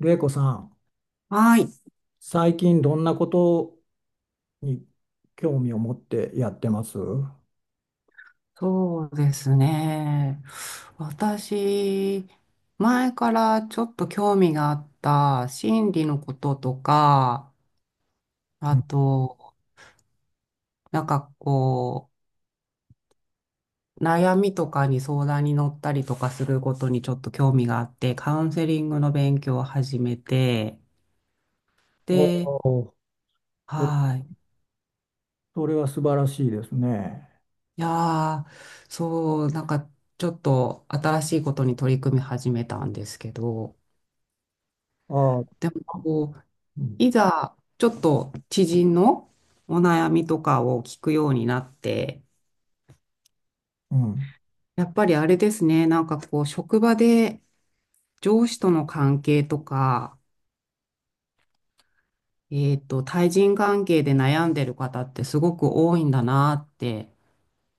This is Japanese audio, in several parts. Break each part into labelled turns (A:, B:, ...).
A: れいこさん、
B: はい。
A: 最近どんなことに興味を持ってやってますう？
B: そうですね。私、前からちょっと興味があった心理のこととか、あ
A: ん。
B: と、なんかこ悩みとかに相談に乗ったりとかすることにちょっと興味があって、カウンセリングの勉強を始めて、
A: お
B: で、
A: お、そ
B: はい。
A: それは素晴らしいですね。
B: いやー、そう、なんかちょっと新しいことに取り組み始めたんですけど、
A: ああ、
B: でも
A: うん、
B: いざ、ちょっと知人のお悩みとかを聞くようになって、
A: うん、
B: やっぱりあれですね、職場で上司との関係とか、対人関係で悩んでる方ってすごく多いんだなって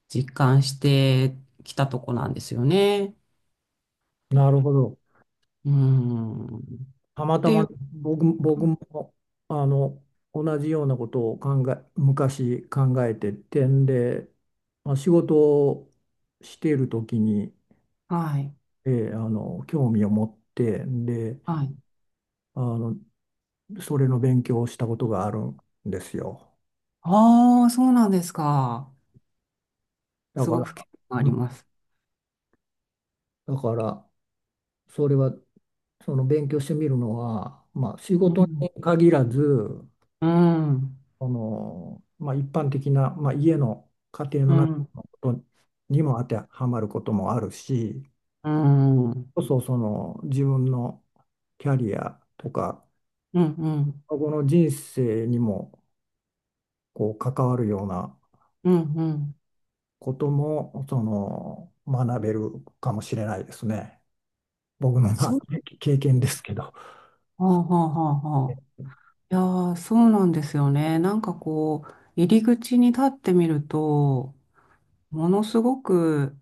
B: 実感してきたとこなんですよね。
A: なるほど。
B: うん。っ
A: たまた
B: ていう、
A: ま僕もあの同じようなことを昔考えててんで、まあ、仕事をしている時に、
B: はい。
A: 興味を持って、で
B: はい。
A: あのそれの勉強をしたことがあるんですよ。
B: ああ、そうなんですか。
A: だ
B: す
A: か
B: ご
A: ら、
B: く興味があ
A: う
B: り
A: ん
B: ます。
A: だから、それは、その勉強してみるのは、まあ、仕
B: う
A: 事
B: ん。
A: に限らず、
B: うん。
A: まあ、一般的な、まあ、家庭
B: う
A: の中
B: ん。
A: のことにも当てはまることもあるし、
B: うん。
A: その自分のキャリアとか、
B: うん、うん、
A: この人生にもこう関わるような
B: うん、うん。
A: ことも、学べるかもしれないですね。僕の、ま
B: そ
A: あ、
B: う
A: 経験
B: なんで
A: で
B: す。
A: すけど。
B: はあはあはあはあ。いやー、そうなんですよね。入り口に立ってみると、ものすごく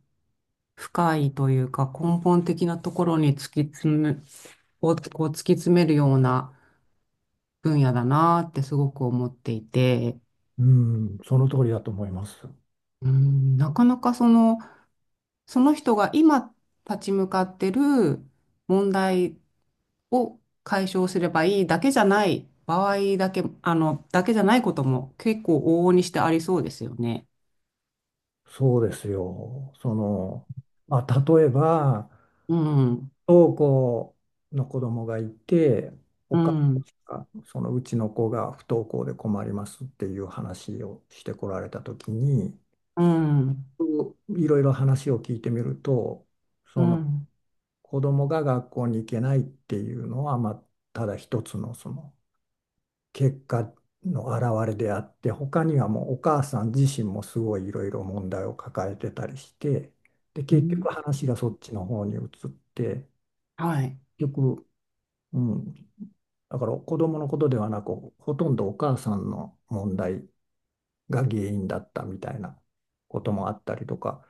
B: 深いというか、根本的なところに突き詰め、をこう突き詰めるような分野だなーってすごく思っていて、
A: うん、その通りだと思います。
B: うん、なかなかその人が今立ち向かってる問題を解消すればいいだけじゃない場合だけ、あの、だけじゃないことも結構往々にしてありそうですよね。
A: そうですよ。まあ、例えば、
B: うん、
A: 不登校の子供がいて、お
B: う
A: 母
B: ん、
A: さんが、そのうちの子が不登校で困りますっていう話をしてこられた時に、
B: うん、
A: いろいろ話を聞いてみると、
B: うん。
A: 子供が学校に行けないっていうのは、まあ、ただ一つの結果の表れであって、他にはもうお母さん自身もすごいいろいろ問題を抱えてたりして、で
B: う
A: 結
B: ん、
A: 局話がそっちの方に移って、
B: はい。
A: 結局、うん、だから子供のことではなく、ほとんどお母さんの問題が原因だったみたいなこともあったりとか、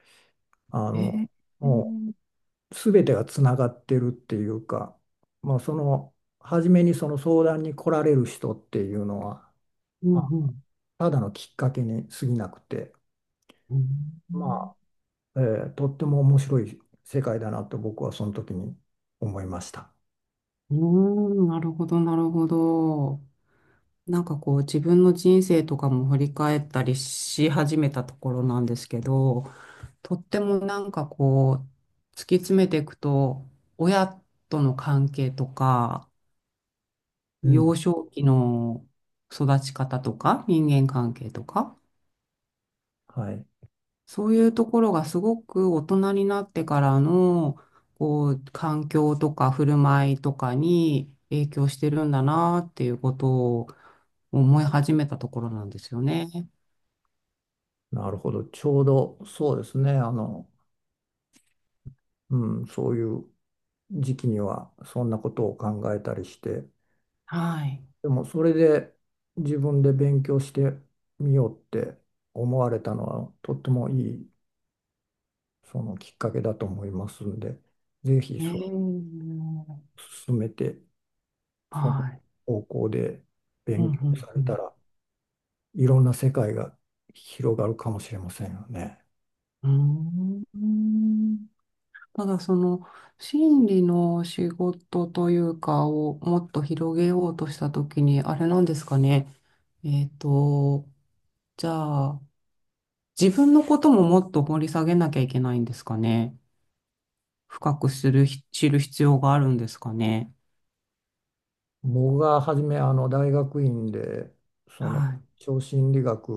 A: あ
B: え
A: の
B: ー、う
A: も
B: ん、
A: う全てがつながってるっていうか、まあ、初めにその相談に来られる人っていうのは、
B: う
A: あ
B: ん、
A: ただのきっかけに過ぎなくて、
B: うん、
A: まあ、えとっても面白い世界だなと僕はその時に思いました。
B: うーんなるほど、なるほど。自分の人生とかも振り返ったりし始めたところなんですけど、とっても突き詰めていくと、親との関係とか、
A: うん。
B: 幼少期の育ち方とか、人間関係とか、
A: はい。
B: そういうところがすごく大人になってからの、環境とか振る舞いとかに影響してるんだなっていうことを思い始めたところなんですよね。
A: なるほど。ちょうどそうですね。そういう時期にはそんなことを考えたりして、
B: はい。
A: でもそれで自分で勉強してみようって思われたのはとってもいいそのきっかけだと思いますんで、ぜひそれを
B: ええ、
A: 進めて、その
B: はい。
A: 方向で
B: うん、
A: 勉強さ
B: う
A: れた
B: ん、
A: ら、いろんな世界が広がるかもしれませんよね。
B: うん。ただその心理の仕事というかをもっと広げようとしたときに、あれなんですかね。えっと、じゃあ自分のことももっと掘り下げなきゃいけないんですかね。深くする、知る必要があるんですかね。
A: 僕が初め大学院でそ
B: は
A: の
B: い。
A: 超心理学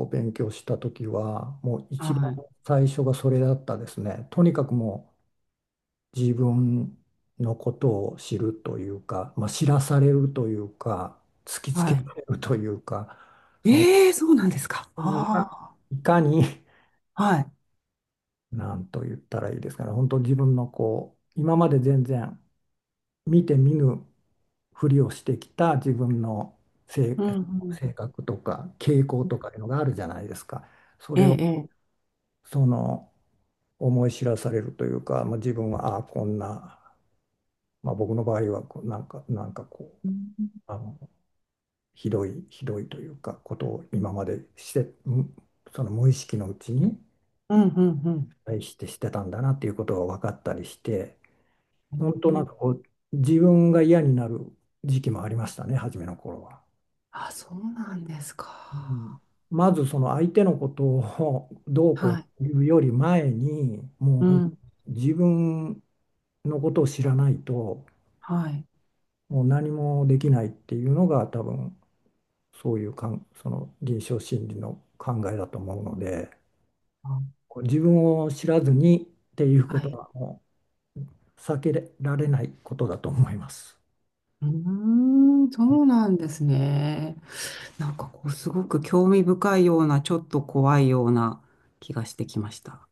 A: を勉強した時はもう一番
B: はい。
A: 最初がそれだったですね。とにかくもう自分のことを知るというか、まあ、知らされるというか突きつけ
B: はい。
A: られるというか、その
B: ええ、そうなんですか。
A: 自分が
B: あ
A: いかに、
B: あ、はい。
A: なんと言ったらいいですかね、本当自分のこう、今まで全然見て見ぬふりをしてきた自分の性、
B: うん、うん。
A: 性格とか傾向とかいうのがあるじゃないですか。そ
B: ええ、
A: れを
B: ええ。
A: その思い知らされるというか、まあ、自分はああこんな、まあ、僕の場合はこうなんか、
B: うん、
A: うあのひどいひどいというかことを今までして、その無意識のうちに
B: うん、うん。
A: 対してしてたんだなっていうことが分かったりして。本
B: う
A: 当なん
B: ん。
A: かこう、自分が嫌になる時期もありましたね、初めの頃は。
B: あ、そうなんです
A: うん、
B: か。
A: まずその相手のことをどうこ
B: はい。
A: うというより前に、もう
B: う
A: ほん
B: ん。
A: 自分のことを知らないと、
B: はい。
A: もう何もできないっていうのが多分、そういうかん、その臨床心理の考えだと思うので、
B: あ、
A: こう自分を知らずにっていうこ
B: は
A: と
B: い。
A: はもう避けられないことだと思います。
B: うーん、そうなんですね。すごく興味深いような、ちょっと怖いような気がしてきました。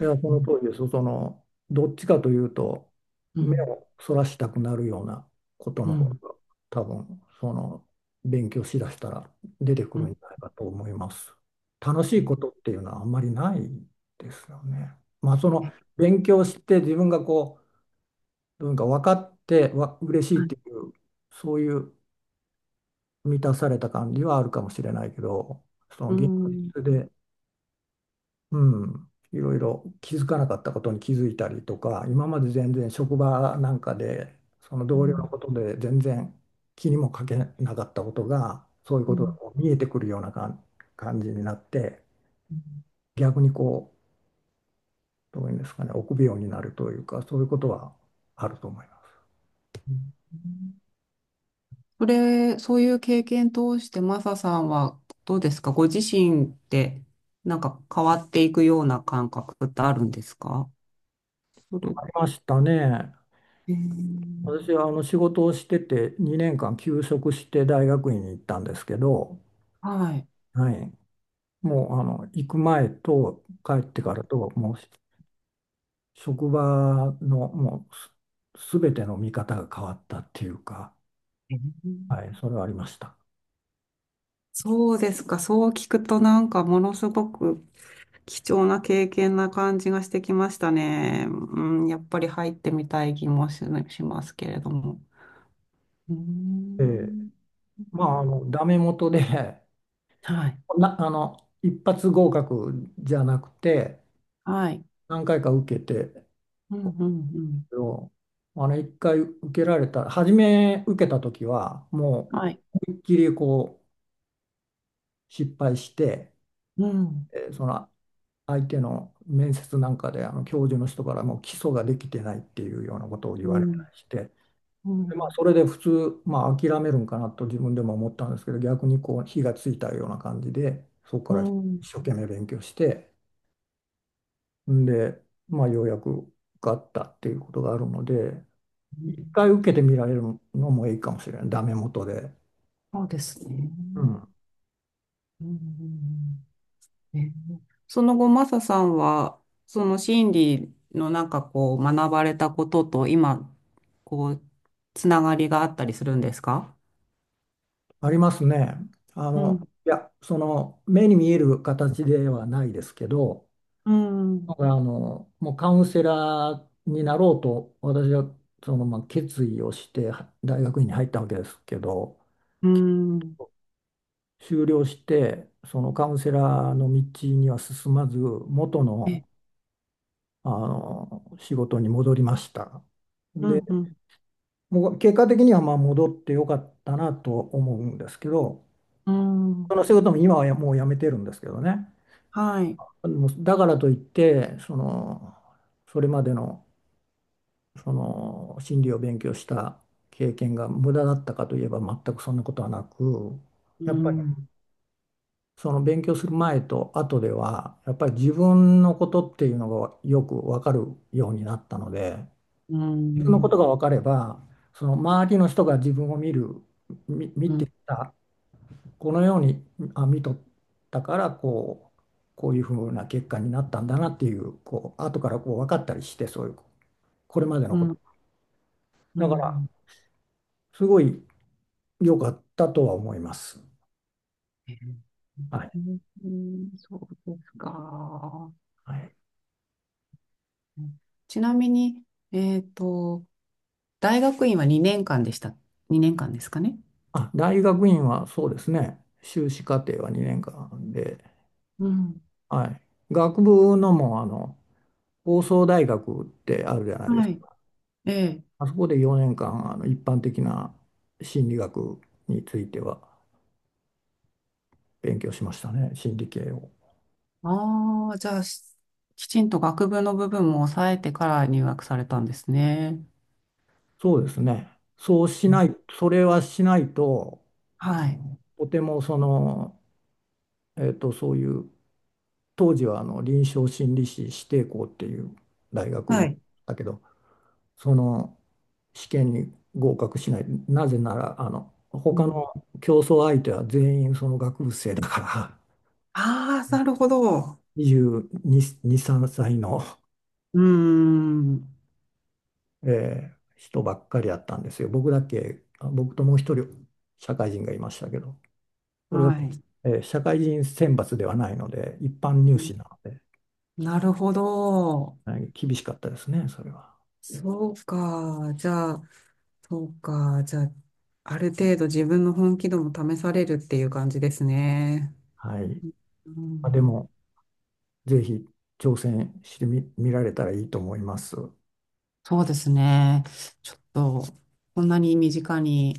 A: いや、そ
B: う
A: の
B: ん、
A: 通りです。どっちかというと、
B: う
A: 目
B: ん、
A: をそらしたくなるようなこと
B: う
A: の方
B: ん、
A: が、多分、勉強しだしたら出てく
B: う
A: るん
B: ん。
A: じゃないかと思います。楽しいこ
B: え
A: とっていうのはあんまりないですよね。まあ、
B: え、
A: 勉強して自分がこう、どうにか分かって、嬉し
B: は
A: いって
B: い。
A: いう、そういう満たされた感じはあるかもしれないけど、その
B: う
A: 現
B: ん、うん、
A: 実でういろいろ気づかなかったことに気づいたりとか、今まで全然職場なんかで、その
B: う
A: 同僚の
B: ん。
A: ことで全然気にもかけなかったことが、そういう
B: う
A: ことが
B: ん、
A: こう見えてくるような感じになって、逆にこう、どういうんですかね、臆病になるというか、そういうことはあると思います。
B: うん。そういう経験通して、マサさんはどうですか、ご自身って、なんか変わっていくような感覚ってあるんですか、それ。
A: ありましたね。
B: えー
A: 私は仕事をしてて2年間休職して大学院に行ったんですけど、
B: はい。
A: はい、もう行く前と帰ってからと、もう職場のもうす全ての見方が変わったっていうか、はい、それはありました。
B: そうですか。そう聞くとものすごく貴重な経験な感じがしてきましたね。うん、やっぱり入ってみたい気もしますけれども。うー
A: ええ。
B: ん。
A: まあ、ダメ元で、
B: はい。
A: な、あの、一発合格じゃなくて、
B: はい。
A: 何回か受けて、
B: うん、うん、うん。
A: けど一回受けられた、初め受けた時は、も
B: はい。
A: う、思いっきりこう、失敗して、
B: うん、
A: えーその、相手の面接なんかで、教授の人からもう基礎ができてないっていうようなことを言
B: う
A: われた
B: ん、
A: りして、
B: う
A: で、まあ、
B: ん、
A: それで普通、まあ、諦めるんかなと自分でも思ったんですけど、逆にこう火がついたような感じで、そこか
B: う
A: ら
B: ん。
A: 一生懸命勉強して、んで、まあ、ようやく受かったっていうことがあるので、
B: うん。
A: 一回受けてみられるのもいいかもしれない、ダメ元で。
B: そうですね。
A: うん、
B: うん、うん、うん。その後、マサさんは、その心理の学ばれたことと今、こう、つながりがあったりするんですか？
A: ありますね。あ
B: う
A: の、
B: ん、
A: いや、その目に見える形ではないですけど、
B: う
A: なん
B: ん、
A: からあの、もうカウンセラーになろうと、私はまあ決意をしては大学院に入ったわけですけど、
B: うん、
A: 修了して、そのカウンセラーの道には進まず、元
B: え、
A: の、あの仕事に戻りました。
B: う
A: で、
B: ん、うん、
A: もう結果的にはまあ戻ってよかったなと思うんですけど、
B: うん、
A: その仕事も今はもうやめてるんですけどね。
B: はい、
A: もうだからといって、それまでのその心理を勉強した経験が無駄だったかといえば全くそんなことはなく、や
B: う
A: っぱり
B: ん、
A: 勉強する前と後では、やっぱり自分のことっていうのがよくわかるようになったので、
B: う
A: 自分のこ
B: ん、
A: とがわかれば、その周りの人が自分を見る、み見
B: う
A: て
B: ん、
A: た、このように見とったから、こう、こういうふうな結果になったんだなっていう、こう後からこう分かったりして、そういうこれまで
B: う
A: のこ
B: ん、
A: と。
B: う
A: だから
B: ん、
A: すごい良かったとは思います。
B: え
A: はい。
B: うん。そうですか。
A: はい。
B: ちなみに、えっと、大学院は2年間でした。2年間ですかね。
A: あ、大学院はそうですね。修士課程は2年間で、
B: うん、
A: はい。学部のも、放送大学ってあるじゃないです
B: はい、
A: か。
B: ええ。
A: あそこで4年間、一般的な心理学については勉強しましたね。心理系を。
B: ああ、じゃあ、きちんと学部の部分も抑えてから入学されたんですね。
A: そうですね。そうし
B: うん、
A: ない、それはしないと、
B: はい。
A: とてもその、えっと、そういう、当時は臨床心理士指定校っていう大学
B: は
A: 院
B: い。
A: だけど、その試験に合格しない。なぜなら、
B: う
A: 他
B: ん、
A: の競争相手は全員その学部生だから、
B: ああー、なるほど。
A: 22、3歳の、
B: うーん。
A: 人ばっかりだったんですよ。僕だけ、あ僕ともう一人社会人がいましたけど、それ
B: は
A: は、
B: い。
A: 社会人選抜ではないので、一般入試なので、
B: なるほど。
A: はい、厳しかったですね、それは。
B: そうか。じゃあ、そうか。じゃあ、ある程度自分の本気度も試されるっていう感じですね。
A: はい。
B: う
A: まあ、で
B: ん、
A: も、ぜひ挑戦してみ、見られたらいいと思います。
B: そうですね。ちょっと、こんなに身近に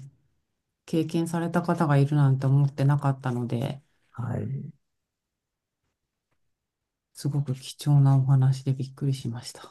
B: 経験された方がいるなんて思ってなかったので、
A: はい。
B: すごく貴重なお話でびっくりしました。